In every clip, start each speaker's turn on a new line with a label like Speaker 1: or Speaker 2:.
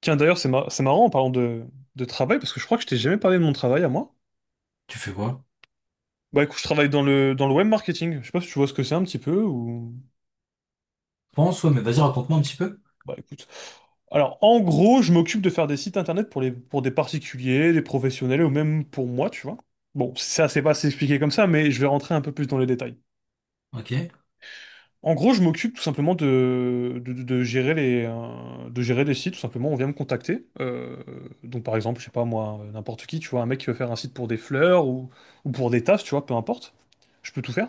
Speaker 1: Tiens, d'ailleurs, c'est marrant en parlant de travail, parce que je crois que je t'ai jamais parlé de mon travail à moi.
Speaker 2: Tu fais quoi?
Speaker 1: Bah écoute, je travaille dans le web marketing. Je sais pas si tu vois ce que c'est un petit peu ou.
Speaker 2: Je pense, ouais, mais vas-y, raconte-moi un petit peu.
Speaker 1: Bah écoute. Alors, en gros, je m'occupe de faire des sites internet pour des particuliers, des professionnels ou même pour moi, tu vois. Bon, ça, c'est pas assez expliqué comme ça, mais je vais rentrer un peu plus dans les détails.
Speaker 2: Ok,
Speaker 1: En gros, je m'occupe tout simplement de gérer les sites. Tout simplement, on vient me contacter. Donc, par exemple, je sais pas moi, n'importe qui, tu vois, un mec qui veut faire un site pour des fleurs ou pour des tasses, tu vois, peu importe. Je peux tout faire.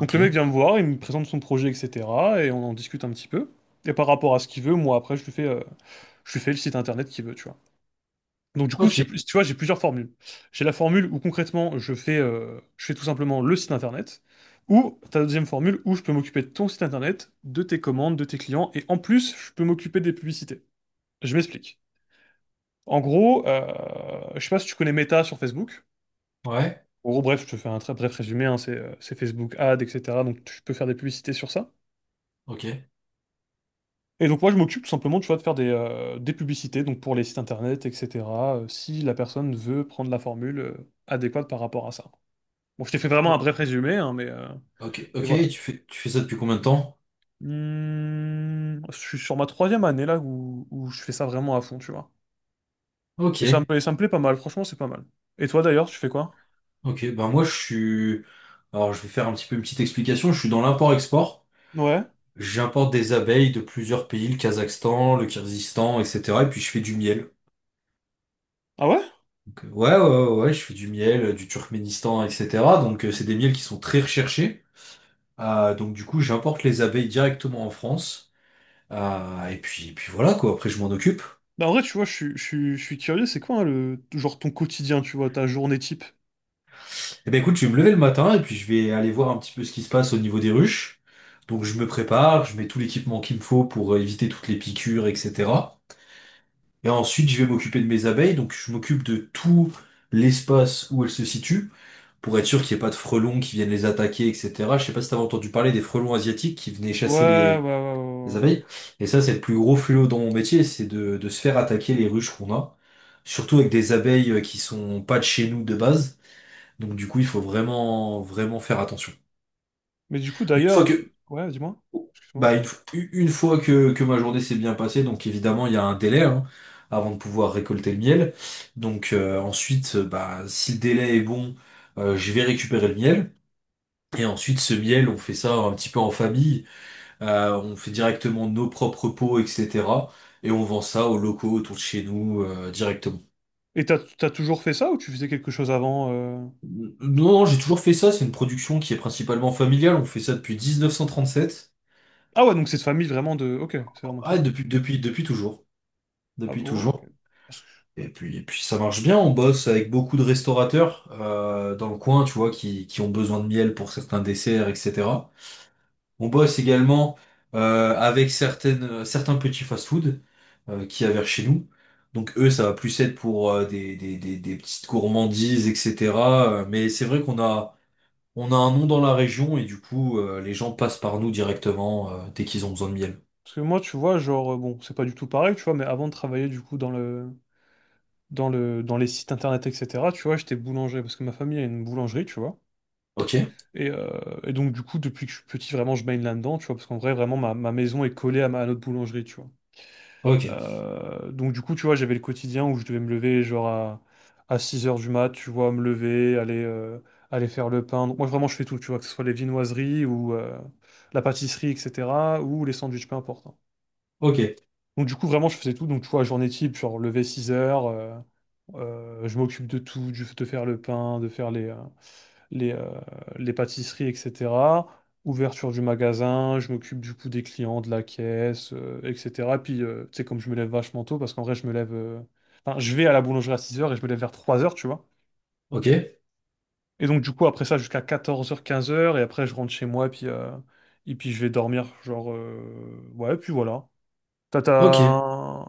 Speaker 1: Donc, le mec vient me voir, il me présente son projet, etc. Et on en discute un petit peu. Et par rapport à ce qu'il veut, moi, après, je lui fais le site internet qu'il veut, tu vois. Donc du coup,
Speaker 2: ok,
Speaker 1: tu vois, j'ai plusieurs formules. J'ai la formule où concrètement, je fais tout simplement le site internet, ou ta deuxième formule où je peux m'occuper de ton site internet, de tes commandes, de tes clients, et en plus, je peux m'occuper des publicités. Je m'explique. En gros, je sais pas si tu connais Meta sur Facebook.
Speaker 2: ouais,
Speaker 1: En gros, bref, je te fais un très bref résumé, hein, c'est Facebook Ads, etc. Donc tu peux faire des publicités sur ça.
Speaker 2: ok,
Speaker 1: Et donc moi, je m'occupe tout simplement, tu vois, de faire des publicités, donc pour les sites internet, etc. Si la personne veut prendre la formule adéquate par rapport à ça. Bon, je t'ai fait vraiment un bref
Speaker 2: O-
Speaker 1: résumé, hein, mais, euh,
Speaker 2: ok,
Speaker 1: mais
Speaker 2: ok,
Speaker 1: voilà.
Speaker 2: et tu fais ça depuis combien de temps?
Speaker 1: Je suis sur ma troisième année là où je fais ça vraiment à fond, tu vois.
Speaker 2: Ok,
Speaker 1: Et ça me plaît pas mal, franchement, c'est pas mal. Et toi d'ailleurs, tu fais quoi?
Speaker 2: ok, ben moi je suis... Alors je vais faire un petit peu une petite explication, je suis dans l'import-export.
Speaker 1: Ouais.
Speaker 2: J'importe des abeilles de plusieurs pays, le Kazakhstan, le Kyrgyzstan, etc. Et puis je fais du miel.
Speaker 1: Ah ouais?
Speaker 2: Donc, ouais, ouais, ouais, ouais, je fais du miel, du Turkménistan, etc. Donc c'est des miels qui sont très recherchés. Ah, donc du coup j'importe les abeilles directement en France. Ah, et puis voilà quoi, après je m'en occupe.
Speaker 1: Bah, en vrai, tu vois, je suis curieux, c'est quoi, hein, le genre, ton quotidien, tu vois, ta journée type?
Speaker 2: Eh ben écoute, je vais me lever le matin et puis je vais aller voir un petit peu ce qui se passe au niveau des ruches. Donc je me prépare, je mets tout l'équipement qu'il me faut pour éviter toutes les piqûres, etc. Et ensuite je vais m'occuper de mes abeilles, donc je m'occupe de tout l'espace où elles se situent, pour être sûr qu'il n'y ait pas de frelons qui viennent les attaquer, etc. Je sais pas si t'avais entendu parler des frelons asiatiques qui venaient chasser
Speaker 1: Ouais, ouais,
Speaker 2: les,
Speaker 1: ouais,
Speaker 2: Les
Speaker 1: ouais, ouais.
Speaker 2: abeilles. Et ça, c'est le plus gros fléau dans mon métier, c'est de se faire attaquer les ruches qu'on a. Surtout avec des abeilles qui sont pas de chez nous de base. Donc du coup, il faut vraiment, vraiment faire attention.
Speaker 1: Mais du coup,
Speaker 2: Une fois
Speaker 1: d'ailleurs,
Speaker 2: que,
Speaker 1: ouais, dis-moi, excuse-moi.
Speaker 2: une fois que ma journée s'est bien passée, donc évidemment, il y a un délai, hein, avant de pouvoir récolter le miel. Donc ensuite, bah, si le délai est bon, je vais récupérer le miel. Et ensuite, ce miel, on fait ça un petit peu en famille. On fait directement nos propres pots, etc. Et on vend ça aux locaux autour de chez nous directement.
Speaker 1: Et t'as toujours fait ça ou tu faisais quelque chose avant?
Speaker 2: Non, non, j'ai toujours fait ça. C'est une production qui est principalement familiale. On fait ça depuis 1937.
Speaker 1: Ah ouais, donc c'est de famille vraiment de. Ok, c'est vraiment de
Speaker 2: Ah,
Speaker 1: famille.
Speaker 2: depuis toujours.
Speaker 1: Ah
Speaker 2: Depuis
Speaker 1: bon, ok.
Speaker 2: toujours. Et puis ça marche bien. On bosse avec beaucoup de restaurateurs dans le coin, tu vois, qui ont besoin de miel pour certains desserts, etc. On bosse également avec certains petits fast-food qu'il y a vers chez nous. Donc eux, ça va plus être pour des petites gourmandises, etc. Mais c'est vrai qu'on a un nom dans la région et du coup, les gens passent par nous directement dès qu'ils ont besoin de miel.
Speaker 1: Parce que moi, tu vois, genre, bon, c'est pas du tout pareil, tu vois, mais avant de travailler, du coup, dans les sites internet, etc., tu vois, j'étais boulanger, parce que ma famille a une boulangerie, tu vois.
Speaker 2: Ok,
Speaker 1: Et, euh, et donc, du coup, depuis que je suis petit, vraiment, je baigne là-dedans, tu vois, parce qu'en vrai, vraiment, ma maison est collée à notre boulangerie, tu vois.
Speaker 2: ok,
Speaker 1: Donc, du coup, tu vois, j'avais le quotidien où je devais me lever, genre, à 6 heures du mat, tu vois, me lever, aller faire le pain. Donc, moi, vraiment, je fais tout, tu vois, que ce soit les viennoiseries ou la pâtisserie, etc., ou les sandwichs, peu importe, hein.
Speaker 2: ok,
Speaker 1: Donc du coup, vraiment, je faisais tout. Donc tu vois, journée type, genre lever 6 heures, je m'occupe de tout, de faire le pain, de faire les, euh, les pâtisseries, etc. Ouverture du magasin, je m'occupe du coup des clients, de la caisse, etc. Puis, tu sais, comme je me lève vachement tôt, parce qu'en vrai, je me lève. Enfin, je vais à la boulangerie à 6 heures et je me lève vers 3 heures, tu vois.
Speaker 2: ok,
Speaker 1: Et donc du coup, après ça, jusqu'à 14 heures 15 heures et après, je rentre chez moi, et puis je vais dormir, genre, ouais, puis voilà.
Speaker 2: ok.
Speaker 1: Tata.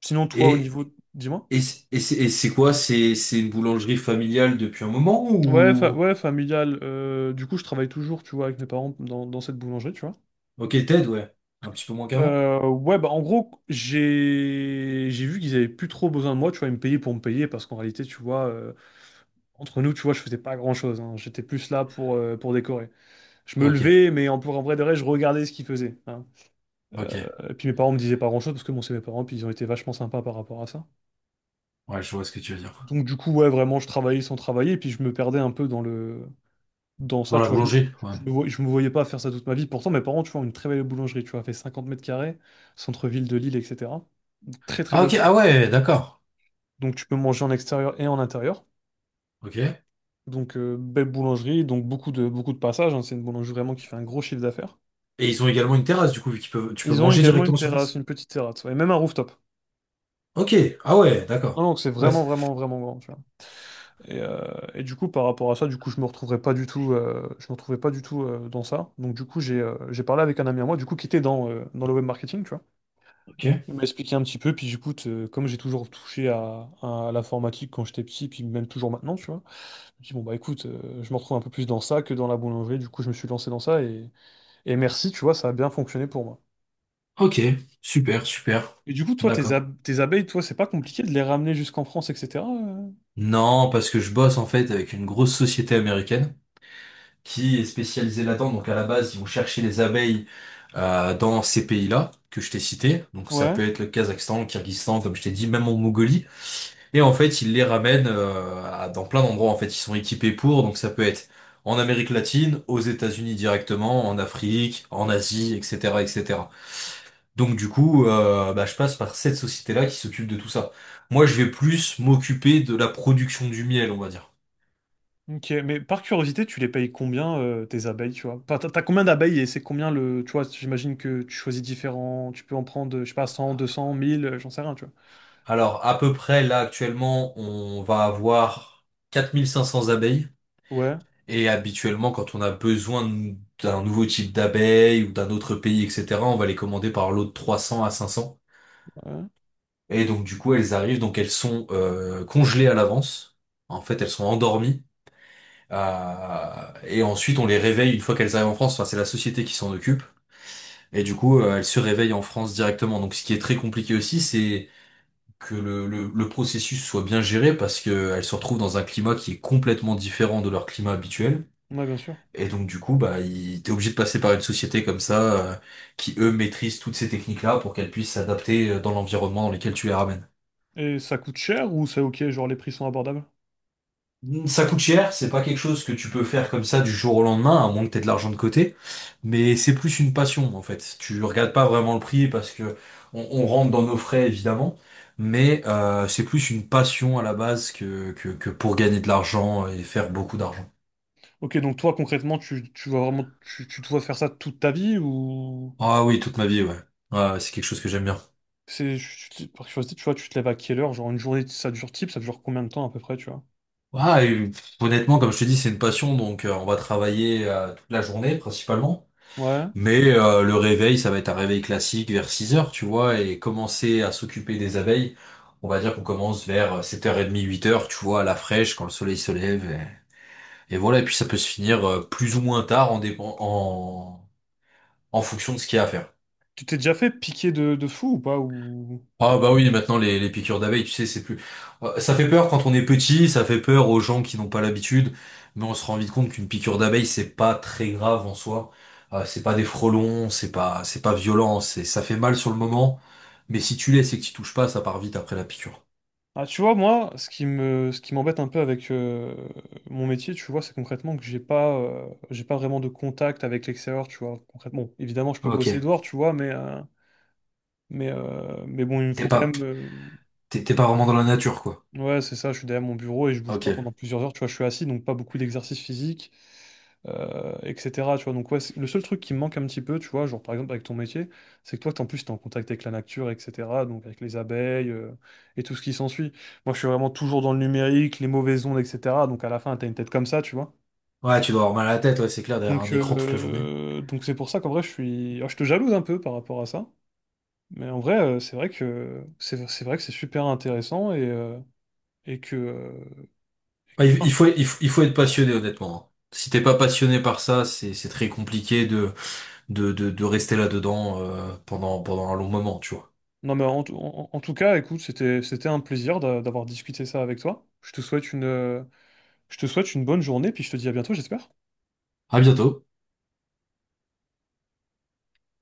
Speaker 1: Sinon, toi, au
Speaker 2: Et,
Speaker 1: niveau... Dis-moi.
Speaker 2: et c'est quoi? C'est une boulangerie familiale depuis un moment
Speaker 1: Ouais, fa-
Speaker 2: ou...
Speaker 1: ouais, familial. Du coup, je travaille toujours, tu vois, avec mes parents dans cette boulangerie, tu vois.
Speaker 2: Ok, Ted, ouais. Un petit peu moins qu'avant.
Speaker 1: Ouais, bah en gros, j'ai vu qu'ils avaient plus trop besoin de moi, tu vois, ils me payaient pour me payer, parce qu'en réalité, tu vois, entre nous, tu vois, je faisais pas grand-chose, hein. J'étais plus là pour décorer. Je me
Speaker 2: Ok,
Speaker 1: levais, mais en vrai de vrai, je regardais ce qu'ils faisaient, hein.
Speaker 2: ok.
Speaker 1: Puis mes parents me disaient pas grand-chose, parce que bon, c'est mes parents, puis ils ont été vachement sympas par rapport à ça.
Speaker 2: Ouais, je vois ce que tu veux dire.
Speaker 1: Donc du coup, ouais, vraiment, je travaillais sans travailler, et puis je me perdais un peu. Dans
Speaker 2: Dans
Speaker 1: ça,
Speaker 2: la
Speaker 1: tu vois,
Speaker 2: boulangerie, ouais.
Speaker 1: je me voyais pas faire ça toute ma vie. Pourtant, mes parents, tu vois, ont une très belle boulangerie, tu vois, fait 50 mètres carrés, centre-ville de Lille, etc. Très, très
Speaker 2: Ah
Speaker 1: belle.
Speaker 2: ok, ah ouais, d'accord.
Speaker 1: Donc, tu peux manger en extérieur et en intérieur.
Speaker 2: Ok. Et
Speaker 1: Donc, belle boulangerie, donc beaucoup de passages, hein. C'est une boulangerie vraiment qui fait un gros chiffre d'affaires.
Speaker 2: ils ont également une terrasse, du coup, vu qu'ils peuvent, tu peux
Speaker 1: Ils ont
Speaker 2: manger
Speaker 1: également une
Speaker 2: directement sur
Speaker 1: terrasse,
Speaker 2: place.
Speaker 1: une petite terrasse, ouais, et même un rooftop.
Speaker 2: Ok, ah ouais,
Speaker 1: Non,
Speaker 2: d'accord.
Speaker 1: donc c'est
Speaker 2: Ouais,
Speaker 1: vraiment, vraiment, vraiment grand, tu vois. Et, euh, et du coup, par rapport à ça, du coup, je me retrouvais pas du tout dans ça. Donc, du coup, j'ai parlé avec un ami à moi, du coup, qui était dans le web marketing, tu vois.
Speaker 2: ok.
Speaker 1: Il m'a expliqué un petit peu, puis j'écoute, comme j'ai toujours touché à l'informatique quand j'étais petit, puis même toujours maintenant, tu vois, je me dis, bon, bah écoute, je me retrouve un peu plus dans ça que dans la boulangerie, du coup, je me suis lancé dans ça, et merci, tu vois, ça a bien fonctionné pour moi.
Speaker 2: Ok, super, super.
Speaker 1: Et du coup, toi,
Speaker 2: D'accord.
Speaker 1: tes abeilles, toi, c'est pas compliqué de les ramener jusqu'en France, etc.
Speaker 2: Non, parce que je bosse en fait avec une grosse société américaine qui est spécialisée là-dedans. Donc à la base, ils vont chercher les abeilles dans ces pays-là que je t'ai cités. Donc ça
Speaker 1: Ouais,
Speaker 2: peut être le Kazakhstan, le Kyrgyzstan, comme je t'ai dit, même en Mongolie. Et en fait, ils les ramènent dans plein d'endroits. En fait, ils sont équipés pour. Donc ça peut être en Amérique latine, aux États-Unis directement, en Afrique, en Asie, etc., etc. Donc du coup, bah, je passe par cette société-là qui s'occupe de tout ça. Moi, je vais plus m'occuper de la production du miel, on va dire.
Speaker 1: ok, mais par curiosité, tu les payes combien, tes abeilles, tu vois? Enfin, t'as combien d'abeilles et c'est combien le. Tu vois, j'imagine que tu choisis différents, tu peux en prendre, je sais pas, 100, 200, 1000, j'en sais rien, tu vois.
Speaker 2: Alors, à peu près, là, actuellement, on va avoir 4500 abeilles.
Speaker 1: Ouais,
Speaker 2: Et habituellement, quand on a besoin d'un nouveau type d'abeille ou d'un autre pays, etc., on va les commander par lot de 300 à 500.
Speaker 1: ouais,
Speaker 2: Et donc du coup elles arrivent, donc elles sont congelées à l'avance. En fait elles sont endormies. Et ensuite on les réveille une fois qu'elles arrivent en France. Enfin c'est la société qui s'en occupe. Et du coup elles se réveillent en France directement. Donc ce qui est très compliqué aussi c'est que le processus soit bien géré parce que elles se retrouvent dans un climat qui est complètement différent de leur climat habituel.
Speaker 1: ouais, bien sûr.
Speaker 2: Et donc du coup bah t'es obligé de passer par une société comme ça qui eux maîtrisent toutes ces techniques-là pour qu'elles puissent s'adapter dans l'environnement dans lequel tu les ramènes.
Speaker 1: Et ça coûte cher ou c'est ok, genre les prix sont abordables?
Speaker 2: Ça coûte cher, c'est pas quelque chose que tu peux faire comme ça du jour au lendemain, à moins que t'aies de l'argent de côté, mais c'est plus une passion en fait. Tu regardes pas vraiment le prix parce que on rentre dans nos frais évidemment, mais c'est plus une passion à la base que pour gagner de l'argent et faire beaucoup d'argent.
Speaker 1: Ok, donc toi concrètement, tu vas vraiment, tu te vois faire ça toute ta vie ou
Speaker 2: Ah oui, toute ma vie, ouais. Ouais, ouais, c'est quelque chose que j'aime bien.
Speaker 1: c'est, tu- tu- Par curiosité, tu vois, tu te lèves à quelle heure? Genre une journée, ça dure type, ça dure combien de temps à peu près, tu vois?
Speaker 2: Ouais, et, pff, honnêtement, comme je te dis, c'est une passion, donc on va travailler toute la journée principalement.
Speaker 1: Ouais.
Speaker 2: Mais le réveil, ça va être un réveil classique vers 6 heures, tu vois, et commencer à s'occuper des abeilles, on va dire qu'on commence vers 7h30, 8 heures, tu vois, à la fraîche, quand le soleil se lève. Et voilà, et puis ça peut se finir plus ou moins tard en fonction de ce qu'il y a à faire.
Speaker 1: Tu t'es déjà fait piquer de fou ou pas.
Speaker 2: Ah bah oui, maintenant les piqûres d'abeilles, tu sais, c'est plus... Ça fait peur quand on est petit, ça fait peur aux gens qui n'ont pas l'habitude, mais on se rend vite compte qu'une piqûre d'abeille, c'est pas très grave en soi. C'est pas des frelons, c'est pas violent, ça fait mal sur le moment, mais si tu laisses et que tu touches pas, ça part vite après la piqûre.
Speaker 1: Ah, tu vois, moi, ce qui m'embête un peu avec mon métier, tu vois, c'est concrètement que j'ai pas vraiment de contact avec l'extérieur, tu vois. Concrètement, bon, évidemment, je peux bosser
Speaker 2: Ok.
Speaker 1: dehors, tu vois, mais bon, il me faut
Speaker 2: T'es
Speaker 1: quand
Speaker 2: pas,
Speaker 1: même.
Speaker 2: t'es pas vraiment dans la nature, quoi.
Speaker 1: Ouais, c'est ça, je suis derrière mon bureau et je bouge pas
Speaker 2: Ok.
Speaker 1: pendant plusieurs heures, tu vois, je suis assis, donc pas beaucoup d'exercice physique, etc. Tu vois, donc ouais, le seul truc qui me manque un petit peu, tu vois, genre par exemple avec ton métier, c'est que toi, en plus, t'es en contact avec la nature, etc., donc avec les abeilles, et tout ce qui s'ensuit. Moi, je suis vraiment toujours dans le numérique, les mauvaises ondes, etc., donc à la fin, t'as une tête comme ça, tu vois.
Speaker 2: Ouais, tu dois avoir mal à la tête, ouais, c'est clair, derrière un
Speaker 1: Donc
Speaker 2: écran toute la journée.
Speaker 1: euh, donc c'est pour ça qu'en vrai, alors, je te jalouse un peu par rapport à ça, mais en vrai, c'est vrai que c'est vrai que c'est super intéressant et que... euh, et que
Speaker 2: Ouais, il faut être passionné, honnêtement, hein. Si t'es pas passionné par ça, c'est très compliqué de, rester là-dedans pendant un long moment, tu vois.
Speaker 1: Non, mais en tout cas, écoute, c'était un plaisir d'avoir discuté ça avec toi. Je te souhaite une, je te souhaite une bonne journée, puis je te dis à bientôt, j'espère.
Speaker 2: À bientôt.